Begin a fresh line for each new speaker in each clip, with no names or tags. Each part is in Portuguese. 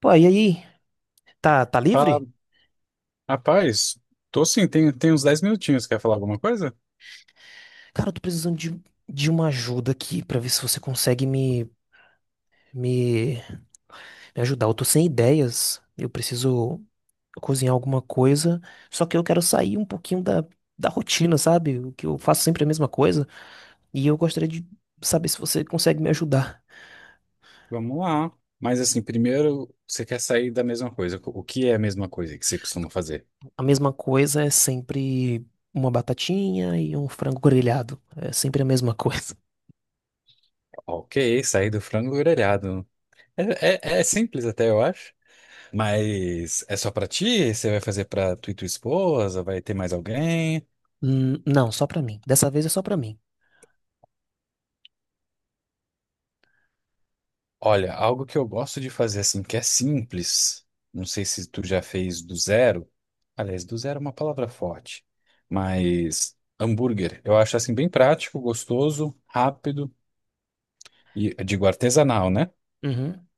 Pô, e aí? Tá
Ah,
livre?
rapaz, tô sim, tem uns 10 minutinhos. Quer falar alguma coisa?
Cara, eu tô precisando de uma ajuda aqui pra ver se você consegue me, me ajudar. Eu tô sem ideias. Eu preciso cozinhar alguma coisa. Só que eu quero sair um pouquinho da rotina, sabe? O que eu faço sempre é a mesma coisa. E eu gostaria de saber se você consegue me ajudar.
Vamos lá. Mas assim, primeiro você quer sair da mesma coisa. O que é a mesma coisa que você costuma fazer?
A mesma coisa é sempre uma batatinha e um frango grelhado. É sempre a mesma coisa.
Ok, sair do frango grelhado. É, é simples até, eu acho. Mas é só pra ti? Você vai fazer pra tu e tua esposa? Vai ter mais alguém?
Não, só pra mim. Dessa vez é só pra mim.
Olha, algo que eu gosto de fazer assim, que é simples, não sei se tu já fez do zero. Aliás, do zero é uma palavra forte, mas hambúrguer, eu acho assim bem prático, gostoso, rápido e digo artesanal, né?
Uhum.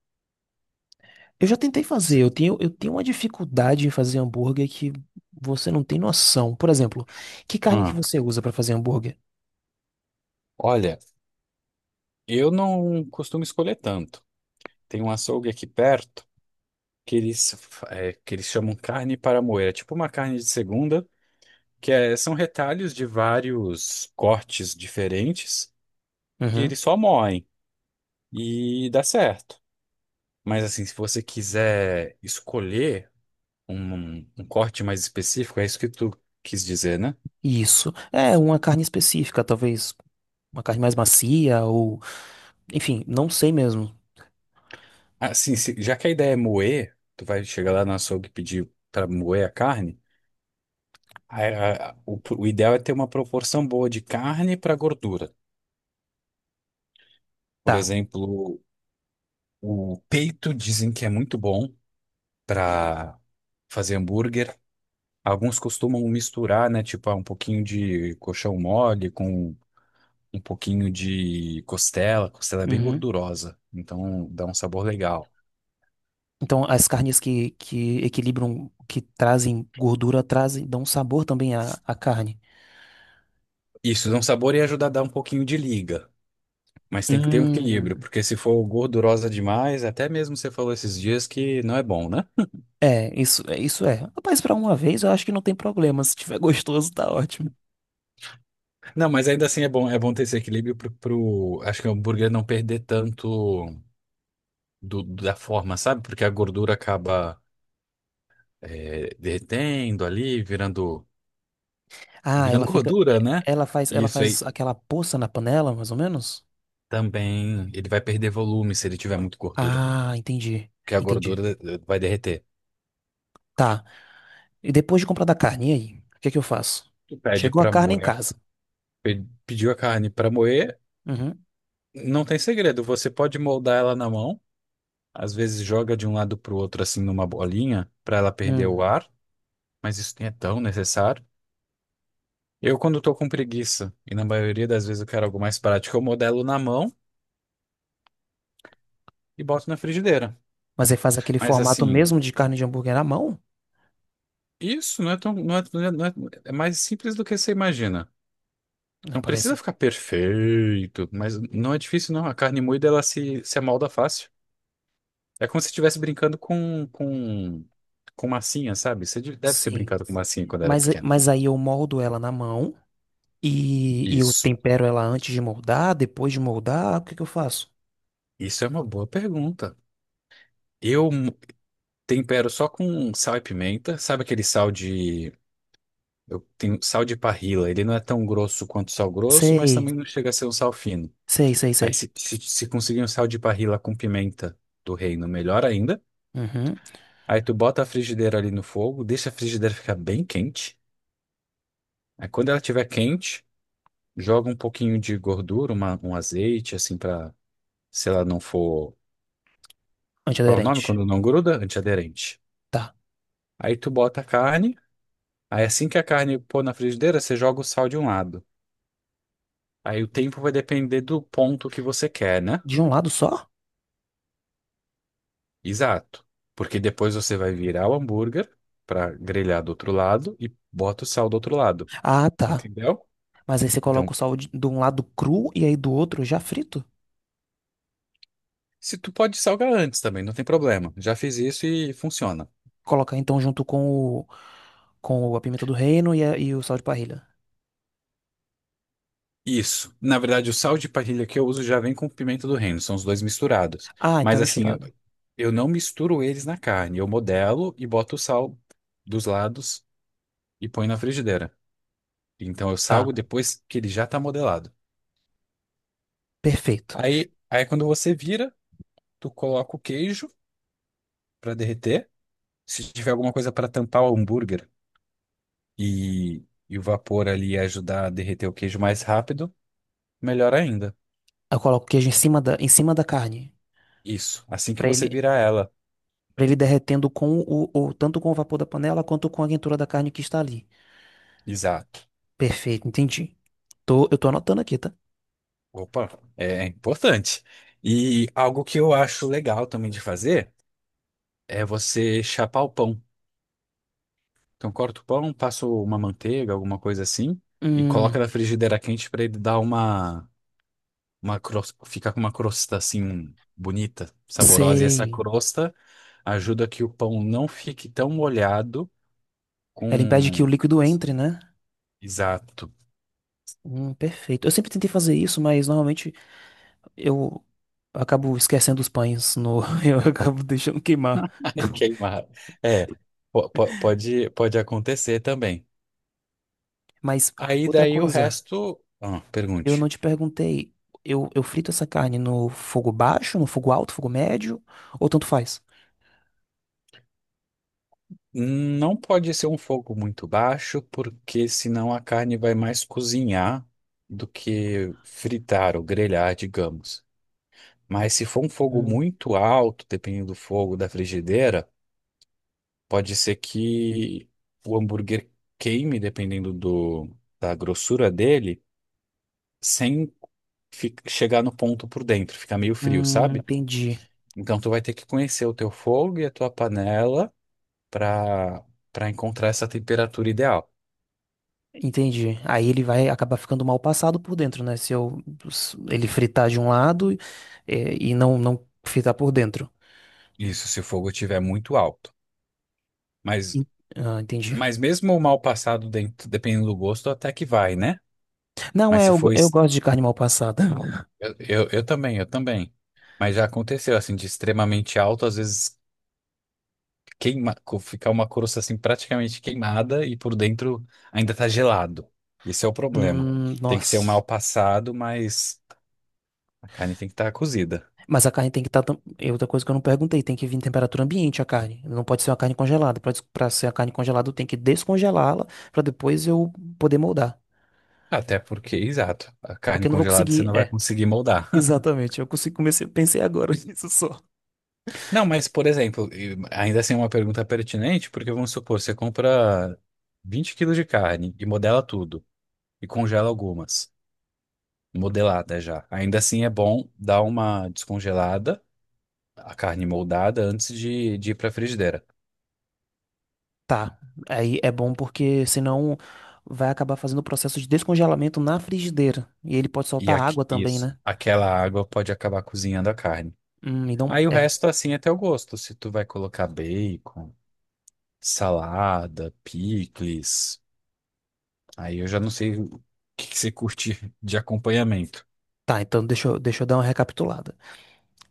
Eu já tentei fazer,
Cê-
eu tenho uma dificuldade em fazer hambúrguer que você não tem noção. Por exemplo, que carne que
Ah,
você usa pra fazer hambúrguer?
olha, eu não costumo escolher tanto. Tem um açougue aqui perto que eles chamam carne para moer, é tipo uma carne de segunda, que são retalhos de vários cortes diferentes que
Uhum.
eles só moem. E dá certo. Mas assim, se você quiser escolher um corte mais específico, é isso que tu quis dizer, né?
Isso. É uma carne específica, talvez uma carne mais macia ou, enfim, não sei mesmo.
Assim, já que a ideia é moer, tu vai chegar lá no açougue e pedir para moer a carne, a- o ideal é ter uma proporção boa de carne para gordura. Por
Tá.
exemplo, o peito dizem que é muito bom para fazer hambúrguer. Alguns costumam misturar, né? Tipo, ah, um pouquinho de coxão mole com um pouquinho de costela. Costela é bem
Uhum.
gordurosa, então dá um sabor legal.
Então, as carnes que equilibram, que trazem gordura, trazem, dão sabor também à carne.
Isso, dá um sabor e ajuda a dar um pouquinho de liga. Mas tem que ter um equilíbrio,
Hum.
porque se for gordurosa demais, até mesmo você falou esses dias que não é bom, né?
É, isso é. Rapaz, pra uma vez eu acho que não tem problema. Se tiver gostoso, tá ótimo.
Não, mas ainda assim é bom ter esse equilíbrio acho que o hambúrguer não perder tanto da forma, sabe? Porque a gordura acaba, derretendo ali, virando,
Ah,
virando
ela fica.
gordura, né?
Ela faz,
E
ela
isso
faz
aí
aquela poça na panela, mais ou menos?
também, ele vai perder volume se ele tiver muito gordura.
Ah, entendi.
Que a
Entendi.
gordura, vai derreter.
Tá. E depois de comprar da carne, e aí? O que é que eu faço?
Tu pede
Chegou a
pra
carne em
moer,
casa.
pediu a carne pra moer,
Uhum.
não tem segredo, você pode moldar ela na mão, às vezes joga de um lado pro outro assim numa bolinha pra ela perder
Hum.
o ar, mas isso nem é tão necessário. Eu quando tô com preguiça, e na maioria das vezes eu quero algo mais prático, eu modelo na mão e boto na frigideira.
Mas aí faz aquele
Mas
formato
assim,
mesmo de carne de hambúrguer na mão?
isso não é tão, não é, não é, não é é mais simples do que você imagina.
Né?
Não precisa
Parece.
ficar perfeito, mas não é difícil não, a carne moída ela se amolda fácil. É como se estivesse brincando com massinha, sabe? Você deve ter
Sim.
brincado com massinha quando era
Mas,
pequeno.
mas aí eu moldo ela na mão e eu
Isso.
tempero ela antes de moldar, depois de moldar, o que que eu faço?
Isso é uma boa pergunta. Eu tempero só com sal e pimenta. Sabe aquele sal de. Eu tenho sal de parrila. Ele não é tão grosso quanto sal grosso, mas
Sei.
também não chega a ser um sal fino.
Sei, sei,
Aí
sei.
se conseguir um sal de parrila com pimenta do reino, melhor ainda.
Uhum.
Aí tu bota a frigideira ali no fogo, deixa a frigideira ficar bem quente. Aí quando ela estiver quente. Joga um pouquinho de gordura, um azeite, assim, pra, se ela não for. Qual é o nome?
Antiaderente.
Quando não gruda? Antiaderente.
Tá.
Aí tu bota a carne. Aí assim que a carne pôr na frigideira, você joga o sal de um lado. Aí o tempo vai depender do ponto que você quer, né?
De um lado só?
Exato. Porque depois você vai virar o hambúrguer pra grelhar do outro lado e bota o sal do outro lado.
Ah, tá.
Entendeu?
Mas aí você coloca o
Então,
sal de um lado cru e aí do outro já frito.
se tu pode salgar antes também, não tem problema. Já fiz isso e funciona.
Coloca então junto com o, com a pimenta do reino e, e o sal de parrilha.
Isso. Na verdade, o sal de parrilha que eu uso já vem com pimenta do reino, são os dois misturados.
Ah, então é
Mas assim, eu,
misturado.
eu não misturo eles na carne, eu modelo e boto o sal dos lados e põe na frigideira. Então eu
Tá,
salgo depois que ele já tá modelado.
perfeito.
Aí quando você vira, tu coloca o queijo para derreter. Se tiver alguma coisa para tampar o hambúrguer e, e o vapor ali ajudar a derreter o queijo mais rápido, melhor ainda.
Eu coloco o queijo em cima em cima da carne.
Isso. Assim que
Pra
você
ele,
virar ela.
para ele derretendo com tanto com o vapor da panela quanto com a quentura da carne que está ali.
Exato.
Perfeito, entendi. Eu tô anotando aqui, tá?
Opa, é importante. E algo que eu acho legal também de fazer é você chapar o pão. Então, corta o pão, passa uma manteiga, alguma coisa assim, e coloca
Hum,
na frigideira quente para ele dar uma cros- ficar com uma crosta assim bonita, saborosa. E essa
sei.
crosta ajuda que o pão não fique tão molhado
Ela impede que o
com.
líquido entre, né?
Exato.
Perfeito. Eu sempre tentei fazer isso, mas normalmente eu acabo esquecendo os pães no, eu acabo deixando queimar.
Queimar. É, pode acontecer também.
Mas ah,
Aí
outra
daí o
coisa,
resto. Ah,
eu
pergunte.
não te perguntei, eu frito essa carne no fogo baixo, no fogo alto, fogo médio, ou tanto faz?
Não pode ser um fogo muito baixo, porque senão a carne vai mais cozinhar do que fritar ou grelhar, digamos. Mas se for um fogo
Hum.
muito alto, dependendo do fogo da frigideira, pode ser que o hambúrguer queime, dependendo da grossura dele, sem chegar no ponto por dentro, ficar meio frio, sabe?
Entendi.
Então tu vai ter que conhecer o teu fogo e a tua panela para para encontrar essa temperatura ideal.
Entendi. Aí ele vai acabar ficando mal passado por dentro, né? Se ele fritar de um lado, é, e não fritar por dentro.
Isso, se o fogo estiver muito alto. Mas,
En- Ah, entendi.
mas mesmo o mal passado, dentro, dependendo do gosto, até que vai, né?
Não,
Mas
é,
se
eu,
for.
eu gosto de carne mal passada.
Eu também, eu também. Mas já aconteceu, assim, de extremamente alto, às vezes queima, ficar uma crosta, assim, praticamente queimada e por dentro ainda tá gelado. Esse é o problema. Tem que ser um
Nossa.
mal passado, mas a carne tem que estar cozida.
Mas a carne tem que estar. É outra coisa que eu não perguntei, tem que vir em temperatura ambiente a carne. Não pode ser uma carne congelada. Pra ser a carne congelada, eu tenho que descongelá-la pra depois eu poder moldar.
Até porque, exato, a
Porque
carne
eu não vou
congelada você não
conseguir.
vai
É.
conseguir moldar.
Exatamente. Eu consigo comecei, pensei agora nisso só.
Não, mas, por exemplo, e ainda assim é uma pergunta pertinente, porque vamos supor, você compra 20 quilos de carne e modela tudo, e congela algumas, modelada já. Ainda assim é bom dar uma descongelada, a carne moldada, antes de ir para a frigideira.
Tá. Aí é bom porque senão vai acabar fazendo o processo de descongelamento na frigideira. E ele pode
E
soltar
aqui,
água também,
isso,
né?
aquela água pode acabar cozinhando a carne.
Então.
Aí o
É.
resto, assim, é teu gosto. Se tu vai colocar bacon, salada, picles, aí eu já não sei o que que você curte de acompanhamento.
Tá, então deixa eu dar uma recapitulada.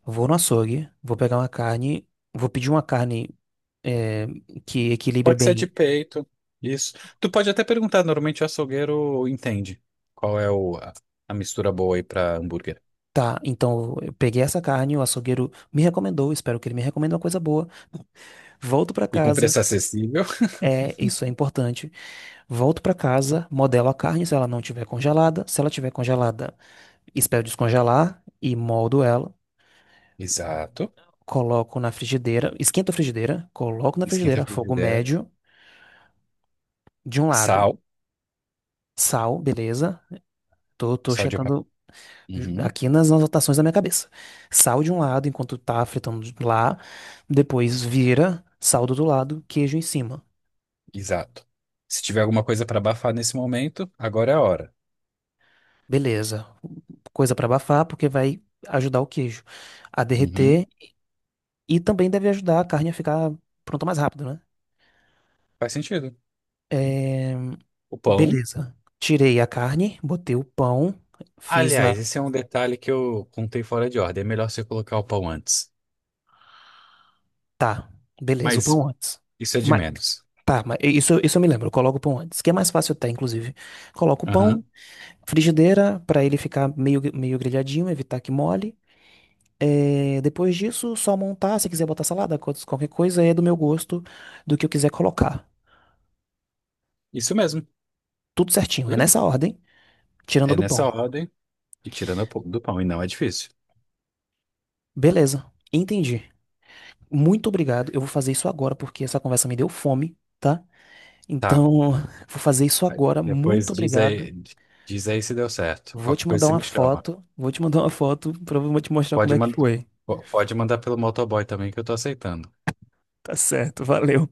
Vou no açougue, vou pegar uma carne, vou pedir uma carne é, que equilibre
Pode ser de
bem.
peito, isso. Tu pode até perguntar, normalmente o açougueiro entende qual é a mistura boa aí pra hambúrguer.
Tá, então eu peguei essa carne, o açougueiro me recomendou, espero que ele me recomende uma coisa boa. Volto pra
E com
casa,
preço acessível.
é, isso é importante. Volto pra casa, modelo a carne se ela não tiver congelada. Se ela tiver congelada, espero descongelar e moldo ela.
Exato.
Coloco na frigideira, esquento a frigideira, coloco na
Esquenta a
frigideira, fogo
frigideira.
médio, de um lado,
Sal.
sal, beleza? Tô
Sal de...
checando
Uhum.
aqui nas anotações da minha cabeça. Sal de um lado enquanto tá fritando lá, depois vira, sal do outro lado, queijo em cima.
Exato. Se tiver alguma coisa pra abafar nesse momento, agora é a hora.
Beleza. Coisa pra abafar, porque vai ajudar o queijo a
Uhum.
derreter e também deve ajudar a carne a ficar pronta mais rápido, né?
Faz sentido.
É,
O pão.
beleza. Tirei a carne, botei o pão, fiz a.
Aliás, esse é um detalhe que eu contei fora de ordem. É melhor você colocar o pão antes.
Tá, beleza, o
Mas
pão antes.
isso é de
Mas,
menos.
tá, mas isso eu me lembro, eu coloco o pão antes, que é mais fácil até, inclusive. Coloco o pão,
Aham.
frigideira, para ele ficar meio grelhadinho, evitar que mole. É, depois disso, só montar. Se quiser botar salada, qualquer coisa, é do meu gosto, do que eu quiser colocar.
Isso mesmo.
Tudo certinho, é
Viu?
nessa ordem, tirando a
É
do
nessa
pão.
ordem. E tirando a do pão, e não é difícil.
Beleza, entendi. Muito obrigado. Eu vou fazer isso agora, porque essa conversa me deu fome, tá?
Tá.
Então, vou fazer isso
Aí
agora. Muito
depois diz
obrigado.
aí, diz aí se deu certo.
Vou
Qualquer
te
coisa
mandar
você
uma
me chama.
foto. Vou te mandar uma foto para te mostrar como
Pode
é que
mandar,
foi.
pode mandar pelo motoboy também que eu tô aceitando.
Tá certo, valeu.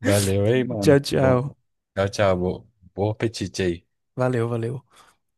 Valeu, hein,
Tchau,
mano. Bom,
tchau.
tchau, tchau. Bom apetite aí.
Valeu, valeu.